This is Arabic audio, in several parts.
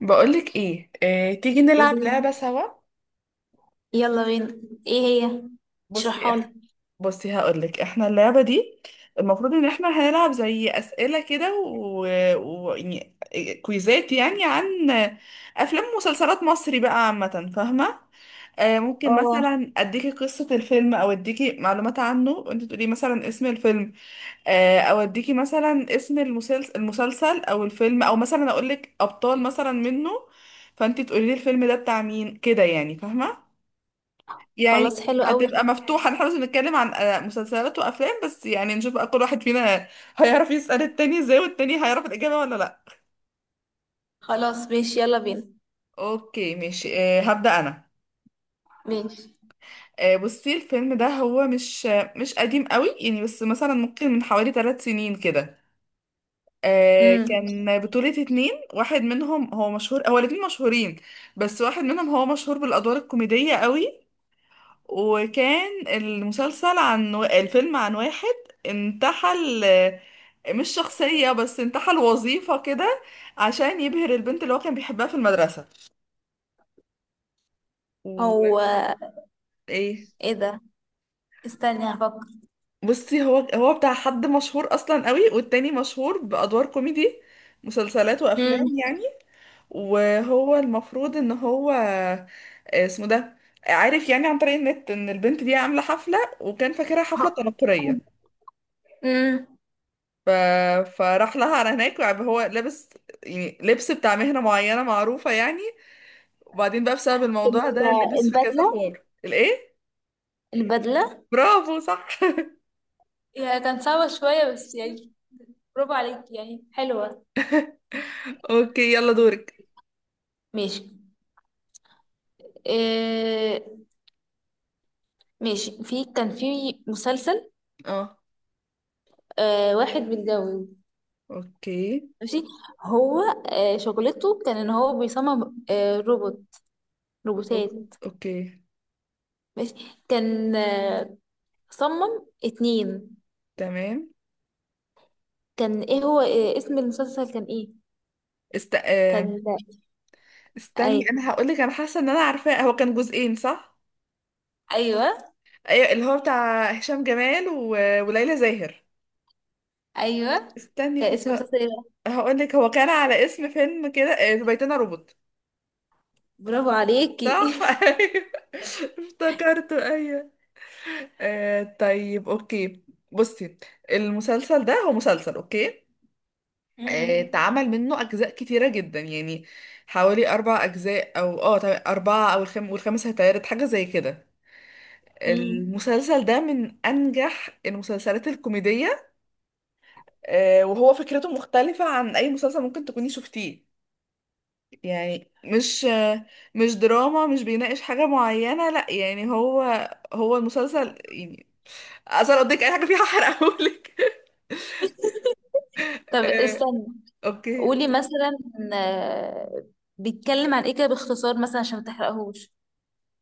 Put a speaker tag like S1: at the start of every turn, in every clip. S1: بقولك ايه، تيجي نلعب
S2: قولي لي.
S1: لعبة سوا.
S2: يلا بينا. ايه هي؟
S1: بصي
S2: اشرحها
S1: إح-
S2: لي.
S1: بصي، هقولك احنا اللعبة دي المفروض ان احنا هنلعب زي اسئلة كده و يعني كويزات يعني عن افلام ومسلسلات مصري بقى عامة، فاهمة؟ ممكن
S2: اه.
S1: مثلا اديكي قصة الفيلم او اديكي معلومات عنه وانت تقولي مثلا اسم الفيلم. او اديكي مثلا اسم المسلسل او الفيلم او مثلا اقولك ابطال مثلا منه، فانت تقولي لي الفيلم ده بتاع مين كده، يعني فاهمة؟ يعني
S2: خلاص حلو قوي.
S1: هتبقى مفتوحة، نحن بس بنتكلم عن مسلسلات وأفلام بس، يعني نشوف بقى كل واحد فينا هيعرف يسأل التاني ازاي والتاني هيعرف الإجابة ولا لأ.
S2: خلاص ماشي، يلا بينا.
S1: اوكي ماشي، أه هبدأ أنا.
S2: ماشي.
S1: أه بصي، الفيلم ده هو مش مش قديم قوي يعني، بس مثلا ممكن من حوالي 3 سنين كده. أه
S2: امم
S1: كان بطولة اتنين، واحد منهم هو مشهور، هو الاتنين مشهورين، بس واحد منهم هو مشهور بالأدوار الكوميدية قوي. وكان المسلسل عن الفيلم عن واحد انتحل، مش شخصية بس انتحل وظيفة كده عشان يبهر البنت اللي هو كان بيحبها في المدرسة.
S2: هو
S1: وايه،
S2: ايه ده؟ استني هفكر.
S1: بصي هو بتاع حد مشهور اصلا قوي، والتاني مشهور بأدوار كوميدي مسلسلات
S2: امم
S1: وافلام يعني. وهو المفروض ان هو اسمه ده، عارف يعني عن طريق النت ان البنت دي عاملة حفلة، وكان فاكرها حفلة تنكرية.
S2: امم.
S1: ف... فراح لها على هناك، بقى هو لابس يعني لبس بتاع مهنة معينة معروفة يعني. وبعدين بقى بسبب الموضوع ده
S2: ال-
S1: لبس في كذا
S2: البدلة.
S1: حوار الايه؟
S2: البدلة.
S1: برافو صح.
S2: هي كانت صعبة شوية بس يعني برافو عليك، يعني حلوة.
S1: اوكي يلا دورك.
S2: ماشي. إيه؟ ماشي، كان في مسلسل،
S1: اه.
S2: واحد متجوز.
S1: اوكي.
S2: ماشي. هو شغلته كان ان هو بيصمم روبوت،
S1: روبوت،
S2: روبوتات.
S1: اوكي.
S2: ماشي. كان صمم اتنين.
S1: تمام.
S2: كان ايه هو، إيه اسم المسلسل، كان ايه؟
S1: است... آه،
S2: كان اي.
S1: استني انا هقول لك، انا حاسه ان انا عارفاه. هو كان جزئين صح؟
S2: ايوه.
S1: ايوه، اللي هو بتاع هشام جمال وليلى زاهر.
S2: ايوه.
S1: استني
S2: كان اسم
S1: كنت
S2: المسلسل ايه بقى؟
S1: هقول لك، هو كان على اسم فيلم كده، في بيتنا روبوت.
S2: برافو عليكي.
S1: صح. ايوه، افتكرته ايوه. آه طيب اوكي. بصي، المسلسل ده هو مسلسل اوكي، آه
S2: مم.
S1: اتعمل منه اجزاء كتيره جدا يعني، حوالي اربع اجزاء او اه طيب اربعه، او والخامس هيتعرض حاجه زي كده.
S2: مم.
S1: المسلسل ده من انجح المسلسلات الكوميديه. آه وهو فكرته مختلفه عن اي مسلسل ممكن تكوني شفتيه. يعني مش دراما، مش بيناقش حاجة معينة لا، يعني هو هو المسلسل يعني اصل لو قلتلك اي حاجة فيها هحرقهولك.
S2: طب
S1: آه،
S2: استني،
S1: اوكي.
S2: قولي مثلا آه، بيتكلم عن ايه كده باختصار، مثلا عشان ما تحرقهوش.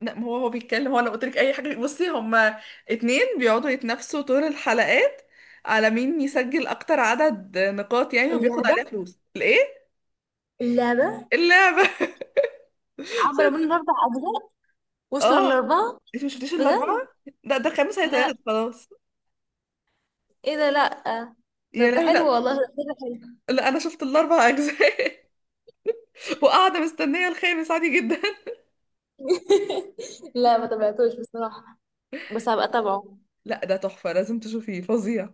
S1: لا ما هو هو بيتكلم، هو لو قلت لك اي حاجه، بصي هما اتنين بيقعدوا يتنافسوا طول الحلقات على مين يسجل اكتر عدد نقاط يعني وبياخد
S2: اللعبة.
S1: عليها فلوس الايه؟
S2: اللعبة.
S1: اللعبه.
S2: عملوا
S1: شت-
S2: منه اربع اجزاء؟ وصلوا
S1: اه.
S2: للاربعه؟
S1: انت مش شفتيش الاربعه؟
S2: بجد؟
S1: لا ده خامس
S2: لا.
S1: هيتعرض خلاص.
S2: ايه ده؟ لا. ده
S1: يا
S2: ده
S1: لهوي
S2: حلو
S1: لا.
S2: والله، ده حلو.
S1: لا انا شفت الاربع اجزاء وقاعدة مستنية الخامس عادي جدا.
S2: لا، ما تابعتوش بصراحة، بس هبقى اتابعه.
S1: لا ده تحفة لازم تشوفيه، فظيع.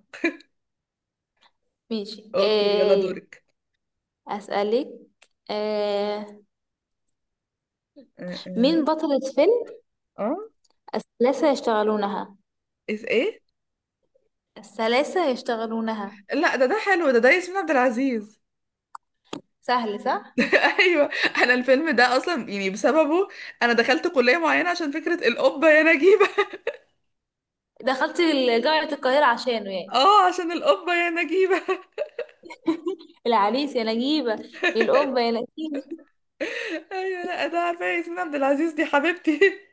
S2: ماشي.
S1: اوكي يلا
S2: آه،
S1: دورك.
S2: اسألك. آه،
S1: اه اه.
S2: مين بطلة فيلم
S1: آه،
S2: الثلاثة يشتغلونها؟
S1: إيه ايه.
S2: الثلاثة يشتغلونها.
S1: لا ده ده حلو، ده ده ياسمين عبد العزيز.
S2: سهل، صح؟
S1: ايوه. انا الفيلم ده اصلا يعني بسببه انا دخلت كلية معينة عشان فكرة القبة يا نجيبة.
S2: دخلت ال- جامعة القاهرة عشانه يعني؟
S1: اه عشان القبة يا نجيبة.
S2: العريس يا نجيبة. الأم يا نسيمة.
S1: ايوه، لا ده عارفة ياسمين عبد العزيز دي حبيبتي.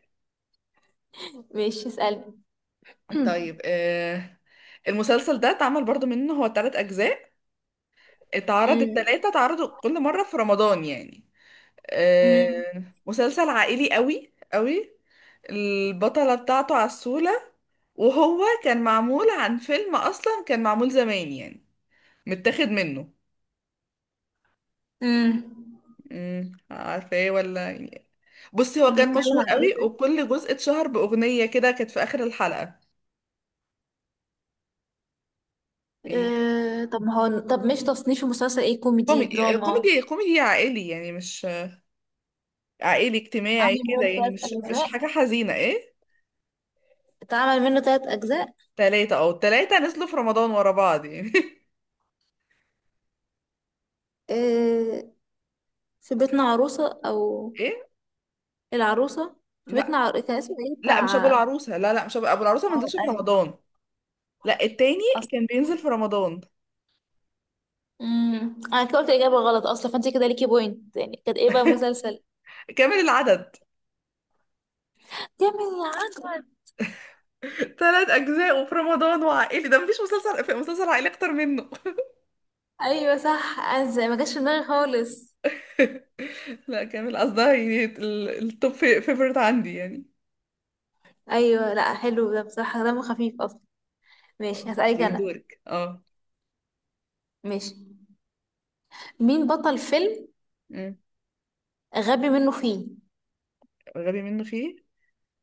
S2: ماشي اسألني.
S1: طيب آه، المسلسل ده اتعمل برضو منه هو تلات اجزاء، اتعرض
S2: أمم.
S1: التلاتة، اتعرضوا كل مرة في رمضان يعني.
S2: أمم.
S1: مسلسل عائلي قوي قوي. البطلة بتاعته عسولة، وهو كان معمول عن فيلم أصلا كان معمول زمان يعني متاخد منه.
S2: أمم.
S1: امم، عارفة ايه ولا يعني؟ بصي هو كان
S2: بيتكلم
S1: مشهور
S2: عن ايه
S1: قوي
S2: ده؟
S1: وكل جزء اتشهر بأغنية كده كانت في آخر الحلقة. ايه،
S2: آه طب، ما هو طب مش تصنيف المسلسل ايه، كوميدي
S1: كوميدي.
S2: دراما؟
S1: كوميدي كوميدي عائلي يعني، مش عائلي اجتماعي كده
S2: عامل
S1: يعني،
S2: ثلاث
S1: مش
S2: أجزاء.
S1: حاجة حزينة ايه.
S2: اتعمل منه تلات أجزاء.
S1: تلاتة، اه التلاتة نزلوا في رمضان ورا بعض يعني.
S2: آه، في بيتنا عروسة؟ أو
S1: ايه؟
S2: العروسة؟ في بيتنا
S1: لا
S2: عر-، كان اسمه ايه
S1: لا مش ابو
S2: بتاع؟
S1: العروسه، لا لا مش ابو, أبو العروسه ما
S2: اه
S1: نزلش في
S2: ايوه.
S1: رمضان. لا التاني
S2: اصل.
S1: كان بينزل في رمضان.
S2: انا كده قلت اجابه غلط اصلا، فانت كده ليكي بوينت يعني. كانت ايه بقى مسلسل؟
S1: كامل العدد.
S2: كامل العجب.
S1: ثلاث اجزاء وفي رمضان وعائلي، ده مفيش مسلسل في مسلسل عائلي اكتر منه.
S2: ايوه صح، انا زي- ما جاش في دماغي خالص.
S1: لا كامل قصدها يعني، التوب فيفورت عندي يعني.
S2: ايوه لا حلو، ده بصراحه دمه خفيف اصلا. ماشي، هسألك
S1: اوكي
S2: انا.
S1: دورك اه.
S2: ماشي. مين بطل فيلم
S1: أمم.
S2: غبي منه فيه؟
S1: غبي منه فيه.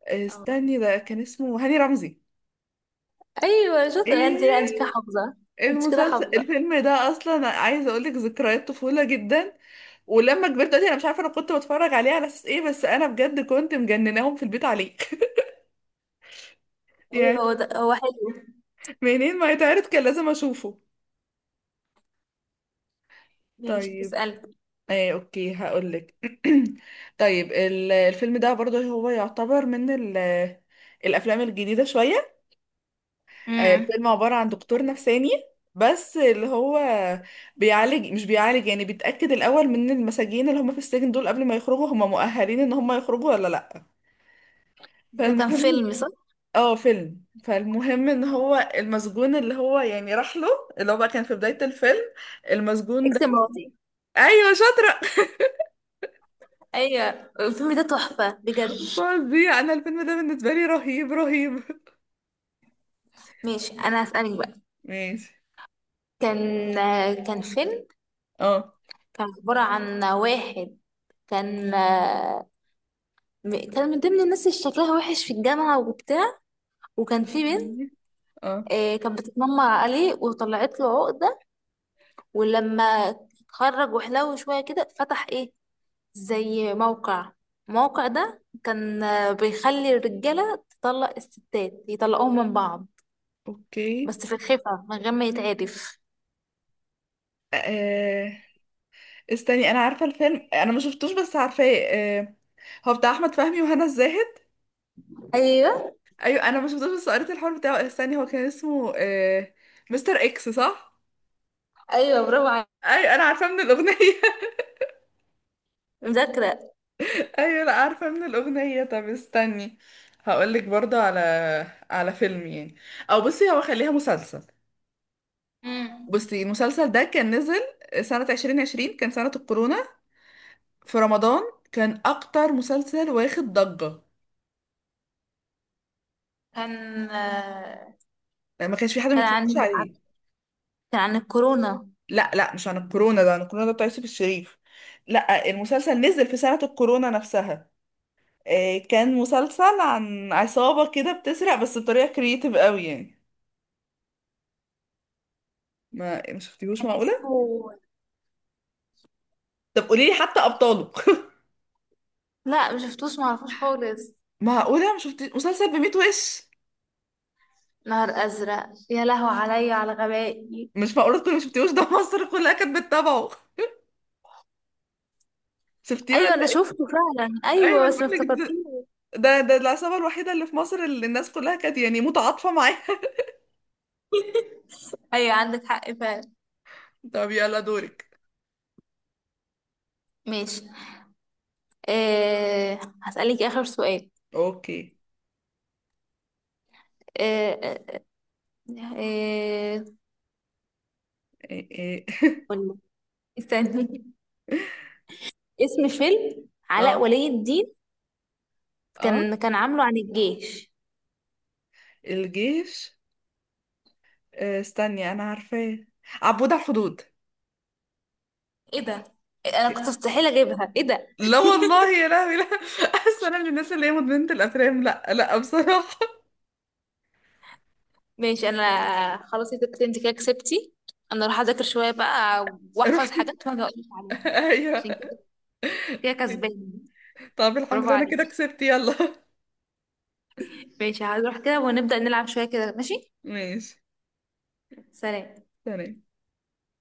S2: اه.
S1: استني ده كان اسمه هاني رمزي.
S2: ايوه شاطر انت، لا انت
S1: ايه،
S2: كده حافظه. انت كده
S1: المسلسل
S2: حافظه.
S1: الفيلم ده اصلا عايزه اقول لك ذكريات طفوله جدا. ولما كبرت دلوقتي انا مش عارفه انا كنت بتفرج عليه على اساس ايه، بس انا بجد كنت مجنناهم في البيت عليه
S2: ايوه،
S1: يعني.
S2: هو ده هو حلو.
S1: منين ما يتعرض كان لازم اشوفه.
S2: ماشي
S1: طيب.
S2: اسأل.
S1: ايه اوكي هقولك. طيب الفيلم ده برضه هو يعتبر من الافلام الجديده شويه.
S2: امم
S1: الفيلم عباره عن دكتور نفساني، بس اللي هو بيعالج، مش بيعالج يعني، بيتاكد الاول من المساجين اللي هم في السجن دول قبل ما يخرجوا، هم مؤهلين ان هم يخرجوا ولا لا.
S2: ده كان
S1: فالمهم
S2: فيلم صح؟
S1: اه فيلم. فالمهم ان هو المسجون اللي هو يعني راح له، اللي هو بقى كان في بدايه الفيلم المسجون ده.
S2: اكس مراتي.
S1: ايوه شاطره.
S2: ايوه الفيلم ده تحفة بجد.
S1: فظيع، انا الفيلم ده بالنسبه لي رهيب رهيب.
S2: ماشي انا هسألك بقى.
S1: ماشي.
S2: كان كان فيلم،
S1: اه
S2: كان عبارة عن واحد كان، م- كان من ضمن الناس اللي شكلها وحش في الجامعة وبتاع، وكان في بنت
S1: اه.
S2: كانت بتتنمر عليه وطلعت له عقدة. ولما اتخرج وحلو شوية كده، فتح ايه زي موقع. الموقع ده كان بيخلي الرجالة تطلق الستات، يطلقوهم من بعض،
S1: اوكي.
S2: بس في الخفا من غير ما يتعرف.
S1: آه... استني انا عارفه الفيلم، انا ما شفتوش بس عارفاه. آه... هو بتاع احمد فهمي وهنا الزاهد.
S2: ايوه.
S1: ايوه انا ما شفتوش بس قريت الحوار بتاعه. استني هو كان اسمه آه... مستر اكس صح.
S2: ايوه برافو عليك.
S1: ايوه. انا عارفاه من الاغنيه.
S2: مذاكرة.
S1: ايوه، لا عارفه من الاغنيه. طب استني هقولك برضه على فيلم يعني، او بصي هو خليها مسلسل.
S2: مم.
S1: بصي المسلسل ده كان نزل سنة 2020، كان سنة الكورونا، في رمضان، كان أكتر مسلسل واخد ضجة
S2: كان
S1: يعني، ما كانش في حد ما
S2: كان
S1: بيتفرجش
S2: عن،
S1: عليه.
S2: كان عن الكورونا.
S1: لا لا مش عن الكورونا، ده عن الكورونا ده بتاع يوسف الشريف. لا المسلسل نزل في سنة الكورونا نفسها. كان مسلسل عن عصابة كده بتسرق بس بطريقة كرييتيف قوي يعني. ما شفتيهوش،
S2: كان
S1: معقولة؟
S2: اسمه،
S1: طب قولي لي حتى أبطاله.
S2: لا مشفتوش معرفوش خالص.
S1: معقولة ما شفتي مسلسل بميت وش.
S2: نهر أزرق، يا لهو عليا على غبائي.
S1: مش معقولة تكوني ما شفتيهوش، ده مصر كلها كانت بتتابعه. شفتيه ولا؟
S2: أيوة أنا شفته فعلا،
S1: ايوه
S2: أيوة
S1: انا
S2: بس ما
S1: بقول لك
S2: افتكرتوش.
S1: ده، ده العصابه الوحيده اللي في مصر اللي الناس كلها كانت يعني متعاطفه معاها.
S2: أيوة عندك حق فعلا.
S1: طب يلا دورك.
S2: ماشي، أه هسألك آخر سؤال.
S1: اوكي.
S2: أه أه. أه.
S1: إيه إيه.
S2: قولي. استني، اسم فيلم علاء
S1: اه
S2: ولي الدين،
S1: اه.
S2: كان كان عامله عن الجيش.
S1: الجيش. استني انا عارفاه. عبود على الحدود.
S2: ايه ده؟ انا كنت مستحيل اجيبها، ايه ده.
S1: لا والله يا لهوي لا. اصل انا من الناس اللي هي مدمنه الافلام لا لا بصراحه.
S2: ماشي انا، خلاص يا ست انت كده كسبتي. انا اروح اذاكر شويه بقى، واحفظ
S1: روحي.
S2: حاجات وانا اقول لك عليها.
S1: ايوه.
S2: عشان كده، كده كسبانه.
S1: طب الحمد
S2: برافو
S1: لله انا كده
S2: عليكي.
S1: كسبت، يلا.
S2: ماشي هروح كده ونبدأ نلعب شويه كده، ماشي؟
S1: ماشي.
S2: سلام.
S1: تمام.